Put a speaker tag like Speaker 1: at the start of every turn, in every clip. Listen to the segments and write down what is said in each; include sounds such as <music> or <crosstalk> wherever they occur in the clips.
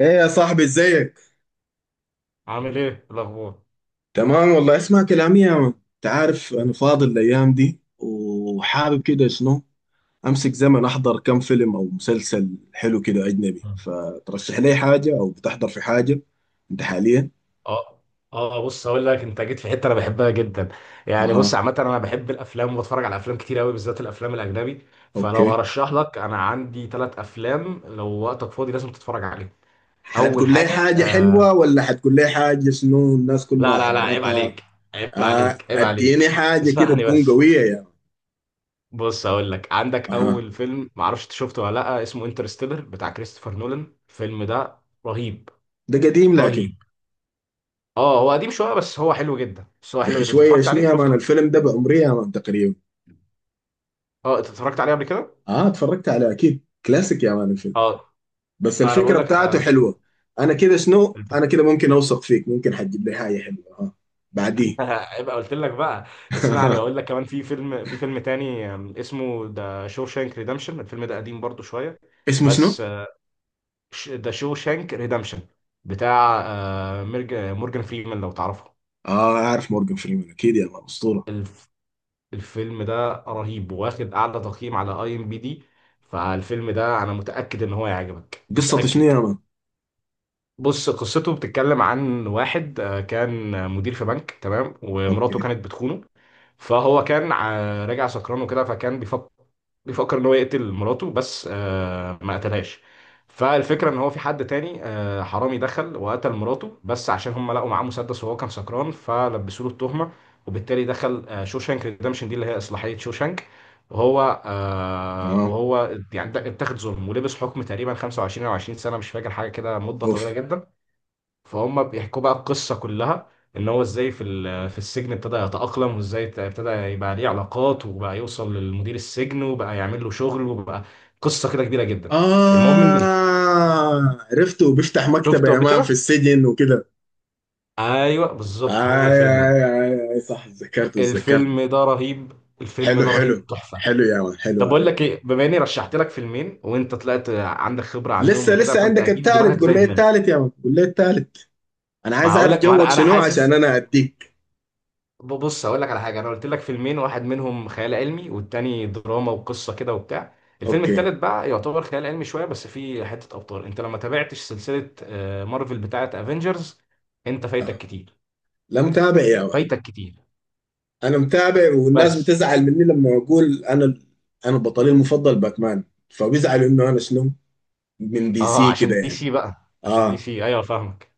Speaker 1: ايه يا صاحبي، ازيك؟
Speaker 2: عامل ايه الاخبار؟
Speaker 1: تمام والله، اسمع كلامي يا مان. انت عارف انا فاضي الايام دي، وحابب كده شنو، امسك زمن احضر كم فيلم او مسلسل حلو كده اجنبي،
Speaker 2: مم.
Speaker 1: فترشح لي حاجه او بتحضر في حاجه انت حاليا؟
Speaker 2: اه، اه، بص هقول لك، انت جيت في حته انا بحبها جدا. يعني، بص،
Speaker 1: اها.
Speaker 2: عامه انا بحب الافلام وبتفرج على افلام كتير قوي، بالذات الافلام الاجنبي. فلو
Speaker 1: اوكي.
Speaker 2: هرشح لك، انا عندي ثلاث افلام لو وقتك فاضي لازم تتفرج عليهم. اول
Speaker 1: حتقول لي
Speaker 2: حاجه
Speaker 1: حاجه حلوه، ولا حتقول لي حاجه شنو الناس كلها
Speaker 2: لا، لا، لا، عيب
Speaker 1: حضرتها؟
Speaker 2: عليك، عيب
Speaker 1: آه،
Speaker 2: عليك، عيب عليك.
Speaker 1: اديني حاجه كده
Speaker 2: اسمعني
Speaker 1: تكون
Speaker 2: بس،
Speaker 1: قويه يا مان.
Speaker 2: بص هقول لك، عندك
Speaker 1: اها.
Speaker 2: اول فيلم، معرفش انت شفته ولا لا، اسمه انترستيلر بتاع كريستوفر نولان. الفيلم ده رهيب،
Speaker 1: ده قديم لكن.
Speaker 2: رهيب. اه، هو قديم شويه، بس هو حلو جدا، بس هو
Speaker 1: يا
Speaker 2: حلو
Speaker 1: اخي
Speaker 2: جدا. انت
Speaker 1: شويه
Speaker 2: اتفرجت
Speaker 1: شنو
Speaker 2: عليه؟
Speaker 1: يا مان،
Speaker 2: شفته؟
Speaker 1: الفيلم ده بعمري يا مان تقريبا.
Speaker 2: اه، انت اتفرجت عليه قبل كده؟
Speaker 1: اه اتفرجت على، اكيد كلاسيك يا مان الفيلم.
Speaker 2: اه،
Speaker 1: بس
Speaker 2: انا بقول
Speaker 1: الفكره
Speaker 2: لك، انا
Speaker 1: بتاعته
Speaker 2: الفيلم
Speaker 1: حلوه. انا كده شنو، انا
Speaker 2: الفك...
Speaker 1: كده ممكن اوثق فيك، ممكن حتجيب لي حاجه حلوه، اه. بعديه.
Speaker 2: <laughs> يبقى قلت لك بقى. اسمعني
Speaker 1: <laughs>
Speaker 2: اقول لك، كمان في فيلم تاني اسمه ذا شانك ريدمشن. الفيلم ده قديم برضو شويه.
Speaker 1: اسمه شنو؟
Speaker 2: بس ذا شانك ريدمشن بتاع مورجان فريمان، لو تعرفه.
Speaker 1: اه، عارف مورجان فريمان، اكيد يا مان اسطوره.
Speaker 2: الفيلم ده رهيب، واخد اعلى تقييم على IMDB. فالفيلم ده انا متاكد ان هو يعجبك،
Speaker 1: قصته شنو
Speaker 2: متاكد.
Speaker 1: يا مان؟
Speaker 2: بص، قصته بتتكلم عن واحد كان مدير في بنك، تمام، ومراته
Speaker 1: اوكي.
Speaker 2: كانت بتخونه. فهو كان راجع سكران وكده، فكان بيفكر، بيفكر ان هو يقتل مراته، بس ما قتلهاش. فالفكره ان هو في حد تاني، حرامي دخل وقتل مراته، بس عشان هم لقوا معاه مسدس وهو كان سكران، فلبسوا له التهمه. وبالتالي دخل شوشانك ريدمشن، دي اللي هي اصلاحيه شوشانك. وهو آه
Speaker 1: تمام.
Speaker 2: وهو يعني اتاخد ظلم ولبس حكم تقريبا 25 او 20 سنه، مش فاكر، حاجه كده، مده
Speaker 1: اوف.
Speaker 2: طويله جدا. فهم بيحكوا بقى القصة كلها، ان هو ازاي في السجن ابتدى يتأقلم، وازاي ابتدى يبقى ليه علاقات، وبقى يوصل للمدير السجن، وبقى يعمل له شغل، وبقى قصة كده كبيرة جدا. المهم ان
Speaker 1: اه، عرفته بيفتح مكتبه
Speaker 2: شفته
Speaker 1: يا
Speaker 2: قبل
Speaker 1: مان في
Speaker 2: كده؟
Speaker 1: السجن وكده.
Speaker 2: ايوه، بالظبط، هو
Speaker 1: آي
Speaker 2: الفيلم ده.
Speaker 1: آي. آي آي، صح، اتذكرت اتذكرت.
Speaker 2: الفيلم ده رهيب، الفيلم
Speaker 1: حلو
Speaker 2: ده
Speaker 1: حلو.
Speaker 2: رهيب، تحفة.
Speaker 1: حلو يا مان حلو،
Speaker 2: طب بقول
Speaker 1: آي.
Speaker 2: لك ايه، بما اني رشحت لك فيلمين وانت طلعت عندك خبرة عنهم
Speaker 1: لسه
Speaker 2: وكده،
Speaker 1: لسه
Speaker 2: فانت
Speaker 1: عندك
Speaker 2: اكيد
Speaker 1: الثالث،
Speaker 2: دماغك
Speaker 1: قول
Speaker 2: زي
Speaker 1: لي
Speaker 2: دماغي.
Speaker 1: الثالث يا مان، قول لي الثالث. انا
Speaker 2: ما
Speaker 1: عايز
Speaker 2: هقول
Speaker 1: اعرف
Speaker 2: لك، ما
Speaker 1: جوك
Speaker 2: انا
Speaker 1: شنو عشان
Speaker 2: حاسس.
Speaker 1: انا اديك.
Speaker 2: بص هقول لك على حاجه، انا قلت لك فيلمين، واحد منهم خيال علمي والتاني دراما وقصه كده وبتاع. الفيلم
Speaker 1: اوكي.
Speaker 2: التالت بقى يعتبر خيال علمي شويه، بس فيه حته ابطال. انت لما تابعتش سلسله مارفل بتاعه افنجرز، انت فايتك
Speaker 1: آه.
Speaker 2: كتير،
Speaker 1: لا، متابع يا ولد.
Speaker 2: فايتك كتير.
Speaker 1: انا متابع، والناس
Speaker 2: بس
Speaker 1: بتزعل مني لما اقول انا. انا بطلي المفضل باتمان. فبيزعلوا انه انا شنو، من دي
Speaker 2: اه،
Speaker 1: سي
Speaker 2: عشان
Speaker 1: كده
Speaker 2: دي
Speaker 1: يعني.
Speaker 2: سي بقى، عشان دي
Speaker 1: اه.
Speaker 2: سي ايوه فاهمك.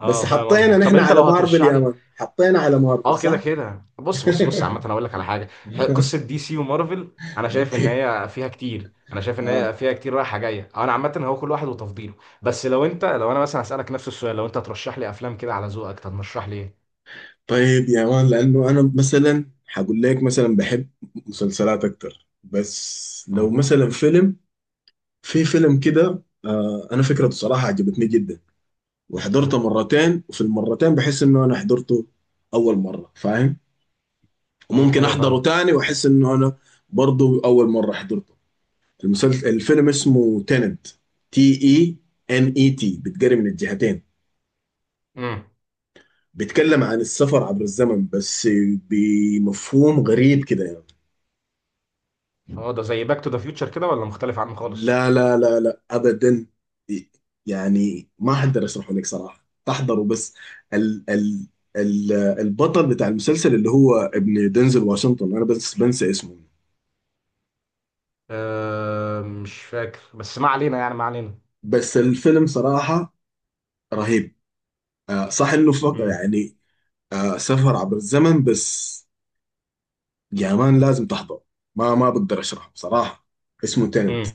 Speaker 2: اه
Speaker 1: بس
Speaker 2: فاهم
Speaker 1: حطينا
Speaker 2: قصدك، طب
Speaker 1: نحن
Speaker 2: انت
Speaker 1: على
Speaker 2: لو
Speaker 1: مارفل
Speaker 2: هترشح
Speaker 1: يا
Speaker 2: لي،
Speaker 1: مان، حطينا على مارفل،
Speaker 2: اه كده
Speaker 1: صح.
Speaker 2: كده،
Speaker 1: <laughs>
Speaker 2: بص، بص، بص، عامة انا اقول لك على حاجة، قصة DC ومارفل، انا شايف ان
Speaker 1: اوكي.
Speaker 2: هي فيها كتير، انا شايف ان هي
Speaker 1: اه.
Speaker 2: فيها كتير رايحة جاية، انا عامة هو كل واحد وتفضيله. بس لو انا مثلا هسألك نفس السؤال، لو انت ترشح لي افلام كده على ذوقك، ترشح لي ايه؟
Speaker 1: طيب يا مان، لانه انا مثلا حقول لك مثلا بحب مسلسلات اكتر، بس لو
Speaker 2: امم.
Speaker 1: مثلا فيلم، في فيلم كده، آه انا فكرته صراحة عجبتني جدا.
Speaker 2: امم.
Speaker 1: وحضرته مرتين، وفي المرتين بحس انه انا حضرته اول مره، فاهم. وممكن
Speaker 2: ايوه فاهم.
Speaker 1: احضره تاني واحس انه انا برضه اول مره حضرته. الفيلم اسمه تيننت. Tenet، بتقري من الجهتين.
Speaker 2: امم.
Speaker 1: بيتكلم عن السفر عبر الزمن، بس بمفهوم غريب كده يعني.
Speaker 2: اه. ده زي باك تو ذا فيوتشر كده ولا مختلف عنه خالص؟
Speaker 1: لا لا لا لا، ابدا. يعني ما اقدر اشرحه لك صراحه، احضره بس. ال ال ال البطل بتاع المسلسل اللي هو ابن دنزل واشنطن، انا بس بنسى اسمه.
Speaker 2: مش فاكر، بس ما علينا، يعني ما علينا.
Speaker 1: بس الفيلم صراحه رهيب. آه صح، انه فقط يعني آه، سفر عبر الزمن بس. يا مان لازم تحضره. ما بقدر اشرحه بصراحه. اسمه تنت.
Speaker 2: امم.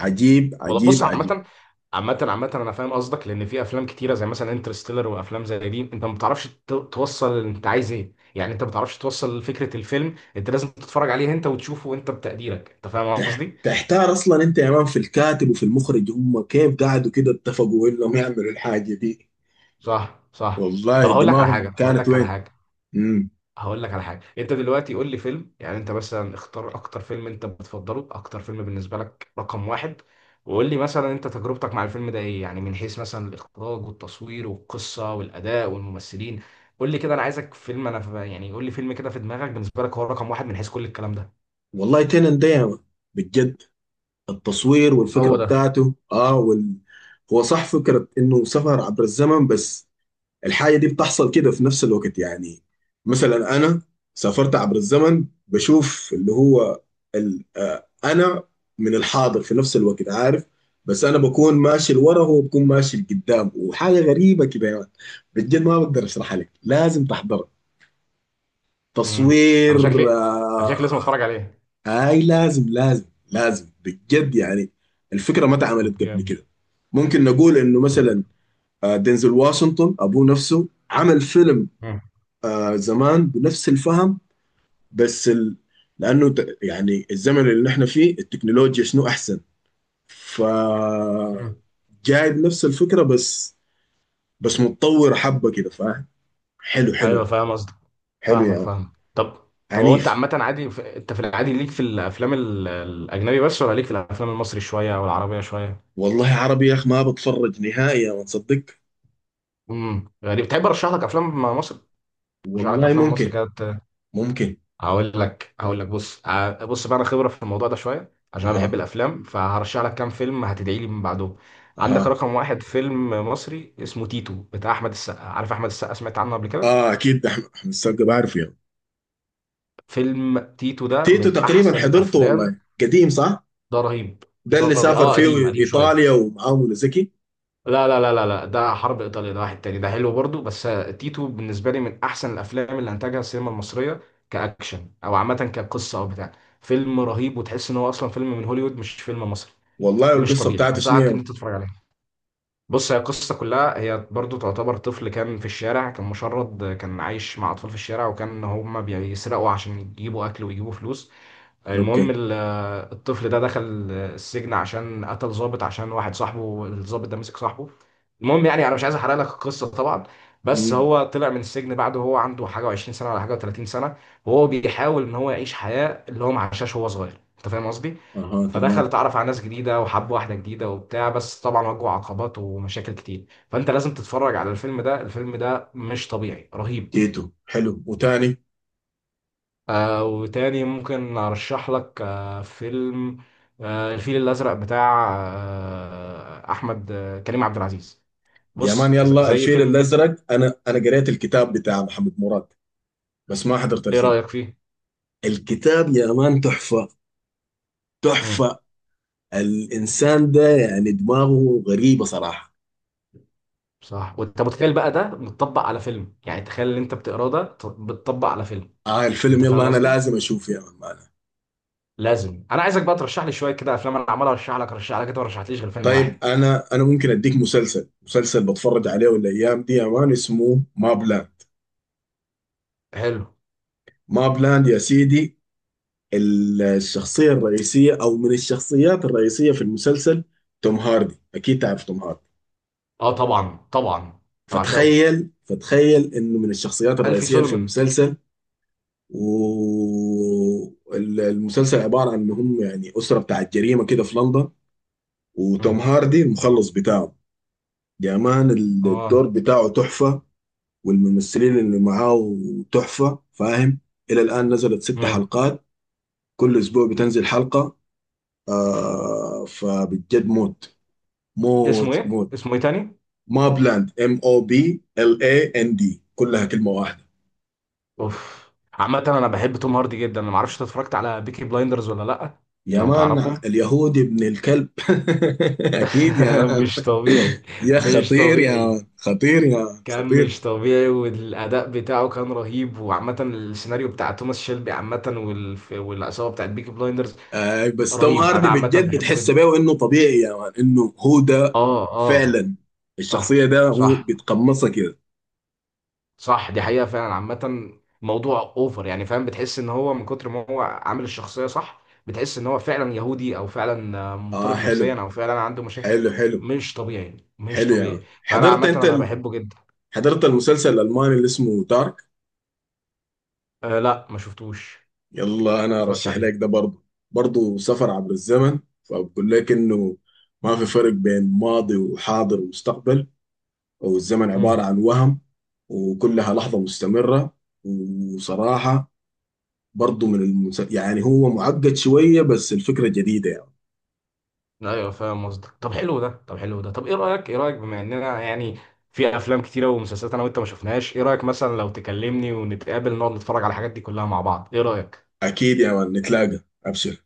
Speaker 1: عجيب
Speaker 2: والله
Speaker 1: عجيب
Speaker 2: بص،
Speaker 1: عجيب.
Speaker 2: عامة، عامة، عامة أنا فاهم قصدك. لأن في أفلام كتيرة زي مثلا انترستيلر وأفلام زي دي، أنت ما بتعرفش توصل أنت عايز إيه، يعني أنت ما بتعرفش توصل فكرة الفيلم، أنت لازم تتفرج عليه أنت وتشوفه، أنت بتقديرك. أنت فاهم قصدي؟
Speaker 1: تحتار اصلا انت يا مان في الكاتب وفي المخرج، هم كيف قعدوا كده اتفقوا انهم يعملوا الحاجه دي.
Speaker 2: صح، صح. طب،
Speaker 1: والله
Speaker 2: هقول لك على حاجة
Speaker 1: دماغهم
Speaker 2: هقول
Speaker 1: كانت
Speaker 2: لك على
Speaker 1: وين.
Speaker 2: حاجة
Speaker 1: امم
Speaker 2: هقول لك على حاجه، انت دلوقتي قول لي فيلم، يعني انت مثلا اختار اكتر فيلم انت بتفضله، اكتر فيلم بالنسبه لك رقم واحد. وقول لي مثلا انت تجربتك مع الفيلم ده ايه، يعني من حيث مثلا الاخراج والتصوير والقصه والاداء والممثلين. قول لي كده، انا عايزك فيلم، انا يعني قول لي فيلم كده في دماغك، بالنسبه لك هو رقم واحد من حيث كل الكلام ده.
Speaker 1: والله تنن ده يا مان، بجد. التصوير والفكره
Speaker 2: هو ده.
Speaker 1: بتاعته. هو صح، فكره انه سفر عبر الزمن بس، الحاجة دي بتحصل كده في نفس الوقت يعني. مثلا أنا سافرت عبر الزمن، بشوف اللي هو أنا من الحاضر في نفس الوقت، عارف. بس أنا بكون ماشي لورا، وهو بكون ماشي لقدام، وحاجة غريبة كده يعني. بجد ما بقدر أشرحها لك، لازم تحضرها.
Speaker 2: امم.
Speaker 1: تصوير.
Speaker 2: انا شكلي، انا شكلي لازم اتفرج عليه.
Speaker 1: هاي لازم لازم. لازم بجد يعني. الفكرة ما
Speaker 2: طب
Speaker 1: اتعملت قبل
Speaker 2: جامد.
Speaker 1: كده. ممكن نقول إنه
Speaker 2: طب.
Speaker 1: مثلا آه، دينزل واشنطن أبوه نفسه عمل فيلم آه زمان بنفس الفهم. بس لانه يعني الزمن اللي نحن فيه التكنولوجيا شنو احسن. ف
Speaker 2: مم.
Speaker 1: جايب نفس الفكره، بس متطور حبه كده، فاهم. حلو
Speaker 2: ايوه
Speaker 1: حلو.
Speaker 2: فاهم قصدك،
Speaker 1: حلو
Speaker 2: فاهمك،
Speaker 1: يا مان.
Speaker 2: فاهمك، طب، طب. هو انت
Speaker 1: عنيف.
Speaker 2: عامه، انت في العادي ليك في الافلام الاجنبي بس، ولا ليك في الافلام المصري شويه او العربيه شويه؟
Speaker 1: والله عربي يا اخ، ما بتفرج نهائي يا مان، تصدق.
Speaker 2: غريب. تحب ارشح لك افلام مصر؟ ارشح لك
Speaker 1: والله
Speaker 2: افلام مصر
Speaker 1: ممكن.
Speaker 2: كده
Speaker 1: ممكن.
Speaker 2: هقول لك بص، بص بقى، انا خبره في الموضوع ده شويه عشان انا بحب
Speaker 1: اها
Speaker 2: الافلام. فهرشح لك كام فيلم هتدعي لي من بعدهم. عندك
Speaker 1: اها.
Speaker 2: رقم واحد، فيلم مصري اسمه تيتو بتاع احمد السقا، عارف احمد السقا؟ سمعت عنه قبل كده؟
Speaker 1: اه اكيد، ده أحمد السقا بعرفه يا مان.
Speaker 2: فيلم تيتو ده
Speaker 1: تيتو
Speaker 2: من
Speaker 1: تقريبا
Speaker 2: احسن
Speaker 1: حضرته
Speaker 2: الافلام،
Speaker 1: والله، قديم صح؟
Speaker 2: ده رهيب،
Speaker 1: ده
Speaker 2: ده
Speaker 1: اللي
Speaker 2: رهيب.
Speaker 1: سافر
Speaker 2: اه
Speaker 1: فيه
Speaker 2: قديم، قديم شويه.
Speaker 1: ايطاليا ومعاه منى زكي.
Speaker 2: لا، لا، لا، لا، لا، ده حرب ايطاليا، ده واحد تاني، ده حلو برضو، بس تيتو بالنسبه لي من احسن الافلام اللي انتجها السينما المصريه، كاكشن او عامه كقصه او بتاع. فيلم رهيب، وتحس ان هو اصلا فيلم من هوليوود، مش فيلم مصري.
Speaker 1: والله
Speaker 2: مش
Speaker 1: القصة
Speaker 2: طبيعي،
Speaker 1: بتاعت
Speaker 2: انصحك ان
Speaker 1: شنو.
Speaker 2: انت تتفرج عليه. بص، هي القصه كلها، هي برضو تعتبر طفل كان في الشارع، كان مشرد، كان عايش مع اطفال في الشارع، وكان هما بيسرقوا عشان يجيبوا اكل ويجيبوا فلوس. المهم
Speaker 1: اوكي.
Speaker 2: الطفل ده دخل السجن عشان قتل ضابط، عشان واحد صاحبه الضابط ده مسك صاحبه. المهم، يعني انا مش عايز احرق لك القصه طبعا، بس
Speaker 1: امم.
Speaker 2: هو طلع من السجن بعد وهو عنده حاجه و20 سنه ولا حاجه و30 سنه، وهو بيحاول ان هو يعيش حياه اللي هو ما عاشهاش وهو صغير. انت فاهم قصدي؟
Speaker 1: اها
Speaker 2: فدخل،
Speaker 1: تمام.
Speaker 2: اتعرف على ناس جديده وحب واحده جديده وبتاع، بس طبعا واجهه عقبات ومشاكل كتير. فانت لازم تتفرج على الفيلم ده، الفيلم ده مش طبيعي، رهيب.
Speaker 1: تيتو حلو، وتاني.
Speaker 2: وتاني ممكن ارشح لك فيلم، الفيل الازرق بتاع احمد، كريم عبد العزيز.
Speaker 1: يا مان
Speaker 2: بص
Speaker 1: يلا
Speaker 2: زي
Speaker 1: الفيل
Speaker 2: فيلم.
Speaker 1: الازرق، انا قريت الكتاب بتاع محمد مراد، بس ما حضرت
Speaker 2: ايه
Speaker 1: الفيلم.
Speaker 2: رايك فيه؟
Speaker 1: الكتاب يا مان تحفة.
Speaker 2: امم.
Speaker 1: تحفة. الانسان ده يعني دماغه غريبة صراحة.
Speaker 2: صح، وانت متخيل بقى ده متطبق على فيلم، يعني تخيل اللي انت بتقراه ده بتطبق على فيلم.
Speaker 1: اه الفيلم
Speaker 2: انت فاهم
Speaker 1: يلا، انا
Speaker 2: قصدي؟
Speaker 1: لازم اشوفه يا مان معنى.
Speaker 2: لازم، انا عايزك بقى ترشح لي شويه كده افلام، انا عمال ارشح لك، ارشح لك، انت ما رشحتليش غير فيلم
Speaker 1: طيب
Speaker 2: واحد.
Speaker 1: انا ممكن اديك مسلسل بتفرج عليه الايام دي يا مان، اسمه ما بلاند.
Speaker 2: حلو.
Speaker 1: ما بلاند يا سيدي. الشخصية الرئيسية أو من الشخصيات الرئيسية في المسلسل توم هاردي، أكيد تعرف توم هاردي.
Speaker 2: اه طبعا، طبعا، انا بعشقه،
Speaker 1: فتخيل إنه من الشخصيات
Speaker 2: الفي
Speaker 1: الرئيسية في
Speaker 2: سولمان.
Speaker 1: المسلسل. والمسلسل عبارة عن إنهم يعني أسرة بتاعت جريمة كده في لندن، وتوم
Speaker 2: امم.
Speaker 1: هاردي المخلص بتاعه. يا مان الدور
Speaker 2: اه.
Speaker 1: بتاعه تحفة. والممثلين اللي معاه تحفة، فاهم. إلى الآن نزلت ست
Speaker 2: امم.
Speaker 1: حلقات. كل أسبوع بتنزل حلقة. آه فبجد موت،
Speaker 2: اسمه
Speaker 1: موت
Speaker 2: ايه؟
Speaker 1: موت.
Speaker 2: اسمه ايه تاني؟
Speaker 1: ما بلاند، MobLand، كلها كلمه واحده.
Speaker 2: اوف، عامة انا بحب توم هاردي جدا، انا ما اعرفش انت اتفرجت على بيكي بلايندرز ولا لا،
Speaker 1: يا
Speaker 2: لو
Speaker 1: مان،
Speaker 2: تعرفهم.
Speaker 1: اليهودي ابن الكلب. <laughs> اكيد يا
Speaker 2: <laughs>
Speaker 1: مان.
Speaker 2: مش طبيعي،
Speaker 1: يا
Speaker 2: مش
Speaker 1: خطير يا
Speaker 2: طبيعي.
Speaker 1: مان، خطير يا مان،
Speaker 2: كان
Speaker 1: خطير.
Speaker 2: مش طبيعي، والاداء بتاعه كان رهيب، وعامة السيناريو بتاع توماس شيلبي عامة، والعصابة بتاعت بيكي بلايندرز،
Speaker 1: آه بس توم
Speaker 2: رهيب. انا
Speaker 1: هاردي
Speaker 2: عامة
Speaker 1: بجد،
Speaker 2: بحبه
Speaker 1: بتحس
Speaker 2: جدا.
Speaker 1: بيه انه طبيعي يا مان، انه هو ده.
Speaker 2: اه، اه.
Speaker 1: فعلا
Speaker 2: صح،
Speaker 1: الشخصيه ده هو
Speaker 2: صح.
Speaker 1: بيتقمصها كده.
Speaker 2: صح، دي حقيقة فعلا. عامة موضوع اوفر، يعني فاهم، بتحس ان هو من كتر ما هو عامل الشخصية صح، بتحس ان هو فعلا يهودي، او فعلا
Speaker 1: اه
Speaker 2: مضطرب
Speaker 1: حلو.
Speaker 2: نفسيا، او فعلا عنده مشاكل.
Speaker 1: حلو حلو.
Speaker 2: مش طبيعي، مش
Speaker 1: حلو يا مان،
Speaker 2: طبيعي. فانا
Speaker 1: حضرت
Speaker 2: عامة
Speaker 1: انت
Speaker 2: انا بحبه جدا.
Speaker 1: حضرت المسلسل الالماني اللي اسمه دارك؟
Speaker 2: لا، ما شفتوش.
Speaker 1: يلا
Speaker 2: ما
Speaker 1: انا
Speaker 2: اتفرجتش
Speaker 1: ارشح لك
Speaker 2: عليه.
Speaker 1: ده برضه. برضه سفر عبر الزمن. فبقول لك انه ما في فرق بين ماضي وحاضر ومستقبل، او الزمن
Speaker 2: امم،
Speaker 1: عبارة عن وهم، وكلها لحظة مستمرة. وصراحة برضه يعني هو معقد شوية، بس الفكرة جديدة يعني.
Speaker 2: ايوه فاهم قصدك، طب، حلو ده، طب، حلو ده، طب ايه رأيك؟ ايه رأيك، بما اننا يعني في افلام كتيرة ومسلسلات انا وانت ما شفناهاش، ايه رأيك مثلا لو تكلمني ونتقابل نقعد نتفرج على الحاجات دي كلها مع بعض؟ ايه رأيك؟
Speaker 1: اكيد يا مان نتلاقى ابشر.